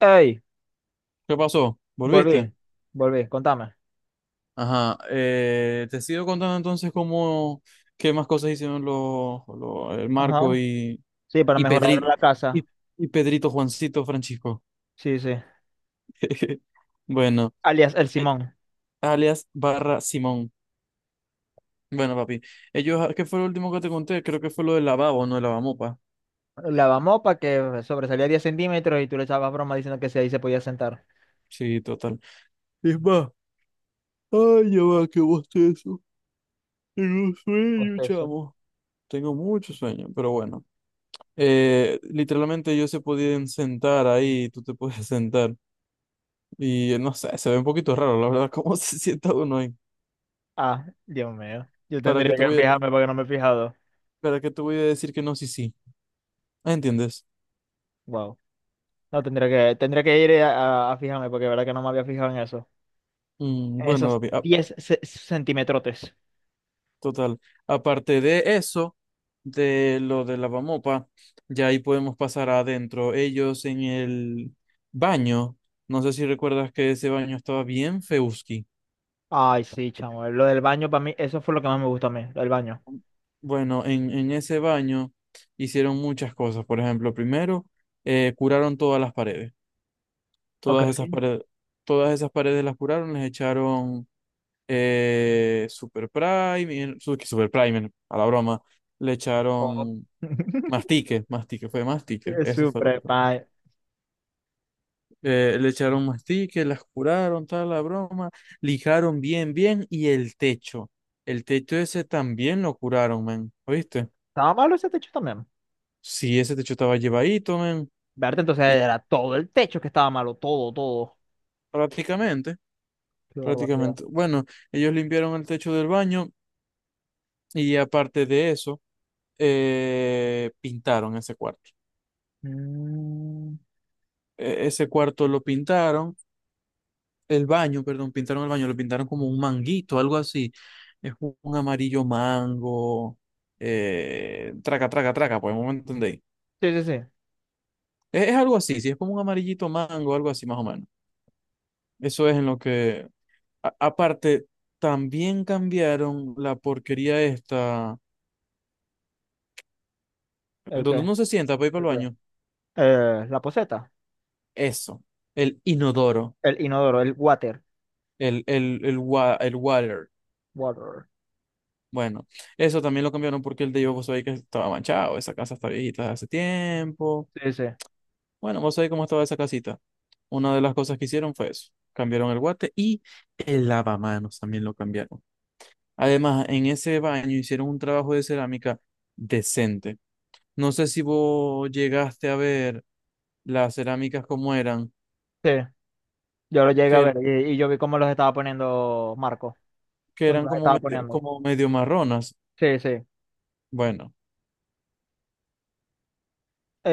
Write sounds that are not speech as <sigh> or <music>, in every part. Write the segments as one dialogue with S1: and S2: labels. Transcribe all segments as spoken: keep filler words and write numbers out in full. S1: Ey,
S2: ¿Qué pasó? ¿Volviste?
S1: volví, volví, contame.
S2: Ajá. Eh, te sigo contando entonces cómo, qué más cosas hicieron los, los- el Marco
S1: Ajá.
S2: y,
S1: Sí, para
S2: y
S1: mejorar
S2: Pedri-
S1: la casa.
S2: y, y Pedrito Juancito Francisco.
S1: Sí, sí.
S2: <laughs> Bueno,
S1: Alias el
S2: eh,
S1: Simón.
S2: alias barra Simón. Bueno, papi. Ellos, ah, ¿qué fue lo último que te conté? Creo que fue lo del lavabo, no el lavamopa.
S1: Lavamos para que sobresalía diez centímetros y tú le echabas broma diciendo que si ahí se podía sentar.
S2: Sí, total. Es más, ay, ya va, qué bostezo. Tengo sueño,
S1: Hostia, eso.
S2: chamo. Tengo mucho sueño, pero bueno. Eh, literalmente ellos se podían sentar ahí, tú te puedes <laughs> sentar. Y eh, no sé, se ve un poquito raro, la verdad, <laughs> cómo se sienta uno ahí.
S1: Ah, Dios mío. Yo
S2: ¿Para qué
S1: tendría
S2: te
S1: que
S2: voy a,
S1: fijarme porque no me he fijado.
S2: para qué te voy a decir que no, sí, sí? Ah, ¿entiendes?
S1: Wow. No, tendría que, tendría que ir a, a- a fijarme porque la verdad que no me había fijado en eso.
S2: Mm,
S1: En
S2: bueno,
S1: esos
S2: papi, ah,
S1: diez ce- centimetrotes.
S2: total. Aparte de eso, de lo de lavamopa, ya ahí podemos pasar adentro. Ellos en el baño, no sé si recuerdas que ese baño estaba bien feuski.
S1: Ay, sí, chamo. Lo del baño para mí, eso fue lo que más me gustó a mí, lo del baño.
S2: Bueno, en, en ese baño hicieron muchas cosas. Por ejemplo, primero, eh, curaron todas las paredes.
S1: Ok.
S2: Todas esas paredes, todas esas paredes las curaron, les echaron eh, Super Primer, su- Super Primer, a la broma. Le
S1: Oh.
S2: echaron
S1: <laughs>
S2: mastique, mastique, fue mastique, eso fue lo que
S1: Super.
S2: fue. Eh, le echaron mastique, las curaron, tal, la broma, lijaron bien, bien, y el techo. El techo ese también lo curaron, men, ¿oíste?
S1: Estaba malo ese techo también.
S2: Sí, ese techo estaba llevadito, men.
S1: Verte, entonces
S2: Y
S1: era todo el techo que estaba malo, todo, todo.
S2: prácticamente,
S1: Qué barbaridad.
S2: prácticamente. Bueno, ellos limpiaron el techo del baño y aparte de eso, eh, pintaron ese cuarto.
S1: Mm,
S2: E- ese cuarto lo pintaron, el baño, perdón, pintaron el baño, lo pintaron como un manguito, algo así. Es un un amarillo mango, eh, traca, traca, traca, pues no me entendéis.
S1: Sí, sí, sí.
S2: Es, es algo así, si es como un amarillito mango, algo así más o menos. Eso es en lo que, a- aparte, también cambiaron la porquería esta
S1: ¿El
S2: donde
S1: qué?
S2: uno se sienta para ir para
S1: ¿El
S2: el
S1: qué?
S2: baño,
S1: Eh, la poseta.
S2: eso, el inodoro,
S1: El inodoro, el water.
S2: el, el, el, wa- el water.
S1: Water.
S2: Bueno, eso también lo cambiaron porque el de yo, vos sabéis que estaba manchado, esa casa está viejita desde hace tiempo.
S1: Sí, sí.
S2: Bueno, vos sabéis cómo estaba esa casita. Una de las cosas que hicieron fue eso, cambiaron el guate y el lavamanos también lo cambiaron. Además, en ese baño hicieron un trabajo de cerámica decente. No sé si vos llegaste a ver las cerámicas como eran,
S1: Sí. Yo lo llegué
S2: que
S1: a ver
S2: eran,
S1: y, y yo vi cómo los estaba poniendo Marco.
S2: que
S1: Cuando
S2: eran
S1: los
S2: como
S1: estaba
S2: medio,
S1: poniendo.
S2: como medio marronas.
S1: Sí, sí.
S2: Bueno,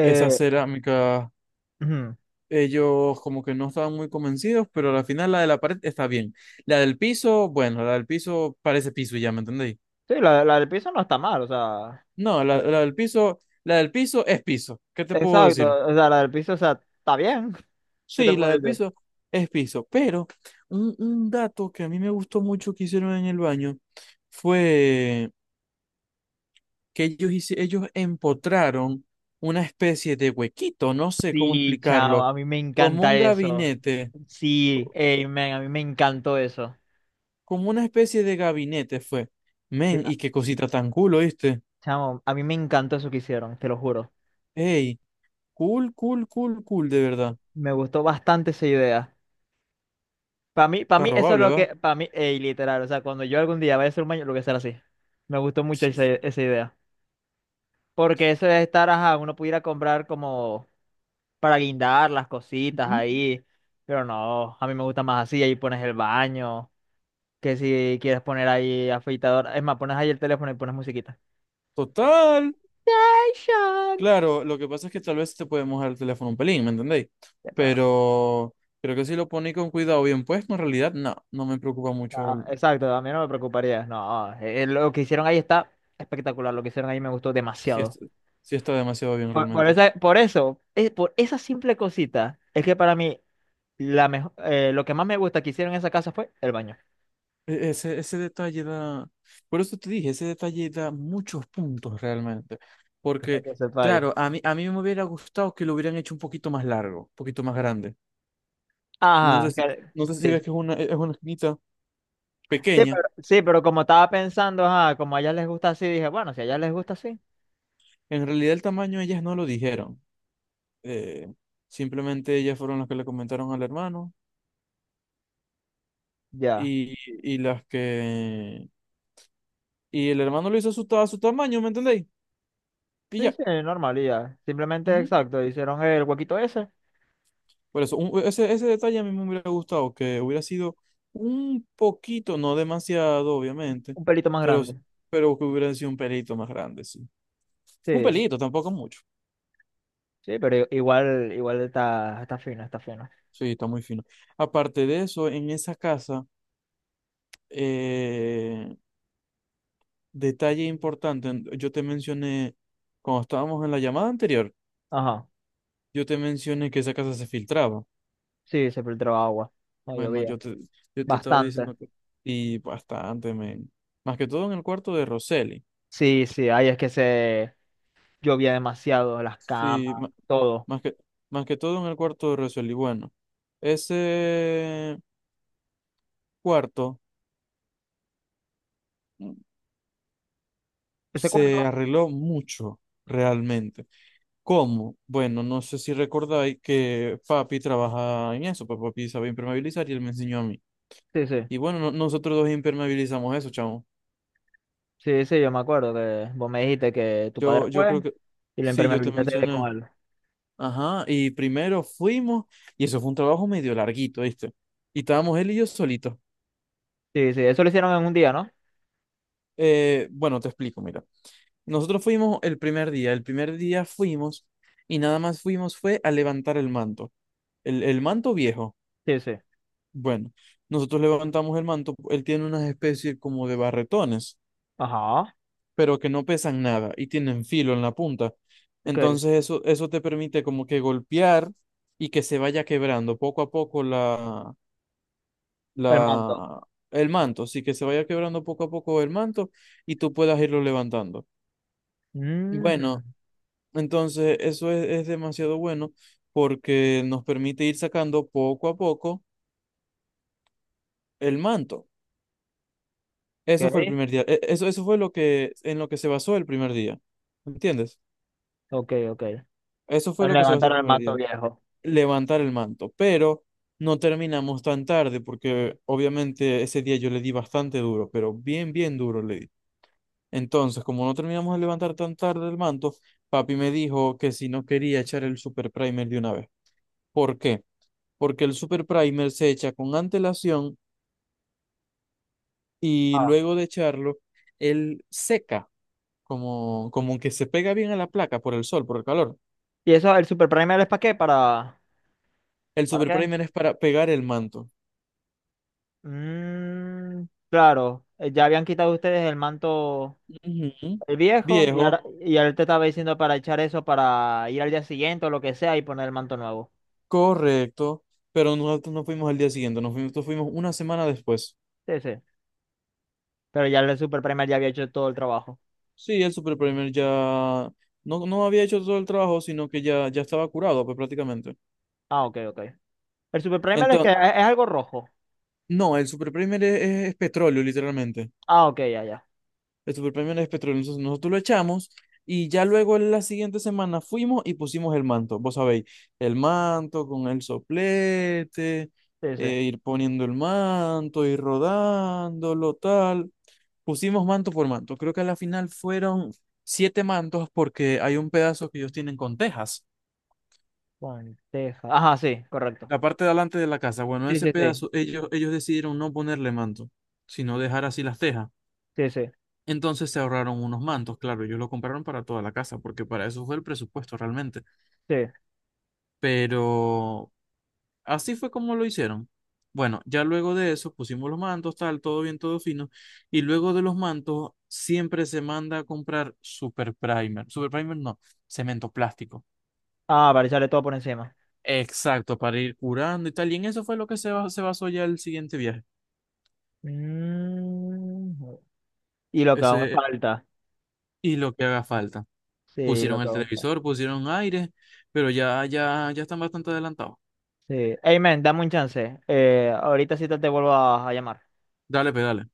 S2: esa cerámica,
S1: ujú.
S2: ellos como que no estaban muy convencidos, pero al final la de la pared está bien. La del piso, bueno, la del piso parece piso ya, ¿me entendéis?
S1: Sí, la, la del piso no está mal, o sea.
S2: No, la,
S1: eh,
S2: la del piso, la del piso es piso. ¿Qué te puedo decir?
S1: Exacto. O sea, la del piso, o sea, está bien. <laughs> ¿Qué te
S2: Sí, la
S1: puedo
S2: del
S1: decir?
S2: piso es piso. Pero un, un dato que a mí me gustó mucho que hicieron en el baño fue que ellos, hice- ellos empotraron una especie de huequito, no sé cómo
S1: Sí, chao,
S2: explicarlo,
S1: a mí me
S2: como
S1: encanta
S2: un
S1: eso.
S2: gabinete.
S1: Sí, ey, man, a mí me encantó eso.
S2: Como una especie de gabinete fue.
S1: Sí,
S2: Men,
S1: a-
S2: y qué cosita tan cool, ¿oíste?
S1: chamo, a mí me encantó eso que hicieron, te lo juro.
S2: Ey, cool, cool, cool, cool, de verdad.
S1: Me gustó bastante esa idea. Para mí, para
S2: Está
S1: mí eso es
S2: robable,
S1: lo
S2: ¿va?
S1: que, para mí, ey, literal, o sea, cuando yo algún día vaya a ser humano, lo voy a hacer así. Me gustó mucho
S2: Sí.
S1: esa, esa idea. Porque eso de estar, ajá, uno pudiera comprar como para guindar las cositas
S2: Ujú.
S1: ahí, pero no, a mí me gusta más así, ahí pones el baño, que si quieres poner ahí afeitador, es más, pones ahí el teléfono y pones musiquita.
S2: Total.
S1: Sean.
S2: Claro, lo que pasa es que tal vez te puede mojar el teléfono un pelín, ¿me entendéis?
S1: Eh, Pero,
S2: Pero creo que si lo ponéis con cuidado bien puesto, en realidad no, no me preocupa mucho.
S1: ah,
S2: el-
S1: exacto, a mí no me preocuparía. No, eh, eh, lo que hicieron ahí está espectacular. Lo que hicieron ahí me gustó
S2: Si,
S1: demasiado.
S2: es- si está demasiado bien
S1: Por, por
S2: realmente.
S1: esa- por eso, eh, por esa simple cosita, es que para mí la mejo- eh, lo que más me gusta que hicieron en esa casa fue el baño.
S2: E- Ese, ese detalle da, por eso te dije, ese detalle da muchos puntos realmente,
S1: Para
S2: porque
S1: que sepáis.
S2: claro, a mí, a mí me hubiera gustado que lo hubieran hecho un poquito más largo, un poquito más grande. No sé
S1: Ajá,
S2: si,
S1: que-
S2: no sé si ves
S1: sí,
S2: que es una, es una esquinita
S1: sí,
S2: pequeña,
S1: pero, sí, pero como estaba pensando, ajá, como a ellas les gusta así, dije, bueno, si a ellas les gusta así,
S2: en realidad el tamaño ellas no lo dijeron, eh, simplemente ellas fueron las que le comentaron al hermano
S1: ya.
S2: y, y las que, y el hermano lo hizo a su, ta- a su tamaño, ¿me entendéis? Y
S1: Sí,
S2: ya.
S1: sí, normal, y ya. Simplemente, exacto, hicieron el huequito ese,
S2: Por eso, un- ese, ese detalle a mí me hubiera gustado, que hubiera sido un poquito, no demasiado, obviamente,
S1: un pelito más
S2: pero,
S1: grande.
S2: pero que hubiera sido un pelito más grande, sí. Un
S1: Sí.
S2: pelito, tampoco mucho.
S1: Sí, pero i- igual, igual está, está fino, está fino.
S2: Sí, está muy fino. Aparte de eso, en esa casa, eh, detalle importante, en- yo te mencioné, cuando estábamos en la llamada anterior,
S1: Ajá.
S2: yo te mencioné que esa casa se filtraba.
S1: Sí, se filtró agua. No
S2: Bueno,
S1: llovía.
S2: yo te, yo te estaba
S1: Bastante.
S2: diciendo que... Y bastante, men. Más que todo en el cuarto de Roseli.
S1: Sí, sí, ahí es que se llovía demasiado, las
S2: Sí,
S1: camas,
S2: ma-
S1: todo.
S2: más que, más que todo en el cuarto de Rosel. Y bueno, ese cuarto mm,
S1: ¿Ese
S2: se
S1: cuarto?
S2: arregló mucho realmente. ¿Cómo? Bueno, no sé si recordáis que papi trabaja en eso, pues papi sabe impermeabilizar y él me enseñó a mí.
S1: Sí, sí.
S2: Y bueno, no- nosotros dos impermeabilizamos eso, chamo.
S1: Sí, sí, yo me acuerdo que vos me dijiste que tu padre
S2: Yo, yo
S1: fue
S2: creo que
S1: y lo
S2: sí, yo te
S1: impermeabilizaste con
S2: mencioné.
S1: él.
S2: Ajá, y primero fuimos, y eso fue un trabajo medio larguito, ¿viste? Y estábamos él y yo solitos.
S1: Sí, sí, eso lo hicieron en un día, ¿no?
S2: Eh, bueno, te explico, mira. Nosotros fuimos el primer día. El primer día fuimos y nada más fuimos fue a levantar el manto. El, el manto viejo.
S1: Sí, sí.
S2: Bueno, nosotros levantamos el manto. Él tiene unas especies como de barretones,
S1: Ajá.
S2: pero que no pesan nada y tienen filo en la punta.
S1: Ok.
S2: Entonces eso, eso te permite como que golpear y que se vaya quebrando poco a poco la,
S1: El manto.
S2: la, el manto. Así que se vaya quebrando poco a poco el manto y tú puedas irlo levantando.
S1: Ujú.
S2: Bueno, entonces, eso es, es demasiado bueno porque nos permite ir sacando poco a poco el manto. Eso fue el
S1: Ok,
S2: primer día. e- Eso, eso fue lo que, en lo que se basó el primer día. ¿Entiendes?
S1: ok, ok.
S2: Eso fue
S1: El
S2: lo que se basó
S1: levantar
S2: el
S1: el
S2: primer
S1: manto
S2: día.
S1: viejo.
S2: Levantar el manto. Pero no terminamos tan tarde porque obviamente ese día yo le di bastante duro, pero bien, bien duro le di. Entonces, como no terminamos de levantar tan tarde el manto, papi me dijo que si no quería echar el super primer de una vez. ¿Por qué? Porque el super primer se echa con antelación y
S1: Ah.
S2: luego de echarlo, él seca, como, como que se pega bien a la placa por el sol, por el calor.
S1: ¿Y eso, el Super Primer es para qué? ¿Para,
S2: El
S1: ¿para
S2: super
S1: qué?
S2: primer es para pegar el manto.
S1: Mm, claro, eh, ya habían quitado ustedes el manto
S2: Ujú.
S1: el viejo y
S2: Viejo,
S1: ahora, y él te estaba diciendo para echar eso para ir al día siguiente o lo que sea y poner el manto nuevo.
S2: correcto, pero nosotros no fuimos al día siguiente, nos fuimos, nosotros fuimos una semana después.
S1: Sí, sí. Pero ya el Super Primer ya había hecho todo el trabajo.
S2: Sí, el super primer ya no, no había hecho todo el trabajo, sino que ya, ya estaba curado, pues prácticamente.
S1: Ah, ok, ok. El Super Primer es que
S2: Entonces,
S1: es, es algo rojo.
S2: no, el super primer es es- es petróleo, literalmente.
S1: Ah, ok, ya, ya.
S2: El superpremión es petróleo. Entonces nosotros lo echamos y ya luego en la siguiente semana fuimos y pusimos el manto. Vos sabéis, el manto con el soplete,
S1: Sí, sí.
S2: eh, ir poniendo el manto, ir rodándolo, tal. Pusimos manto por manto. Creo que a la final fueron siete mantos porque hay un pedazo que ellos tienen con tejas.
S1: Lenteja. Ajá, sí, correcto.
S2: La parte de adelante de la casa, bueno,
S1: Sí,
S2: ese
S1: sí, sí.
S2: pedazo ellos, ellos decidieron no ponerle manto, sino dejar así las tejas.
S1: Sí, sí,
S2: Entonces se ahorraron unos mantos, claro, ellos lo compraron para toda la casa, porque para eso fue el presupuesto realmente.
S1: sí.
S2: Pero así fue como lo hicieron. Bueno, ya luego de eso pusimos los mantos, tal, todo bien, todo fino. Y luego de los mantos siempre se manda a comprar super primer. Super primer no, cemento plástico.
S1: Ah, para echarle todo por encima.
S2: Exacto, para ir curando y tal. Y en eso fue lo que se, ba- se basó ya el siguiente viaje.
S1: Mm, y lo que aún
S2: Ese,
S1: falta.
S2: y lo que haga falta.
S1: Sí, lo
S2: Pusieron
S1: que
S2: el
S1: aún falta.
S2: televisor, pusieron aire, pero ya, ya, ya están bastante adelantados.
S1: Sí. Hey, man, dame un chance. Eh, ahorita sí te, te vuelvo a a llamar.
S2: Dale, pedale.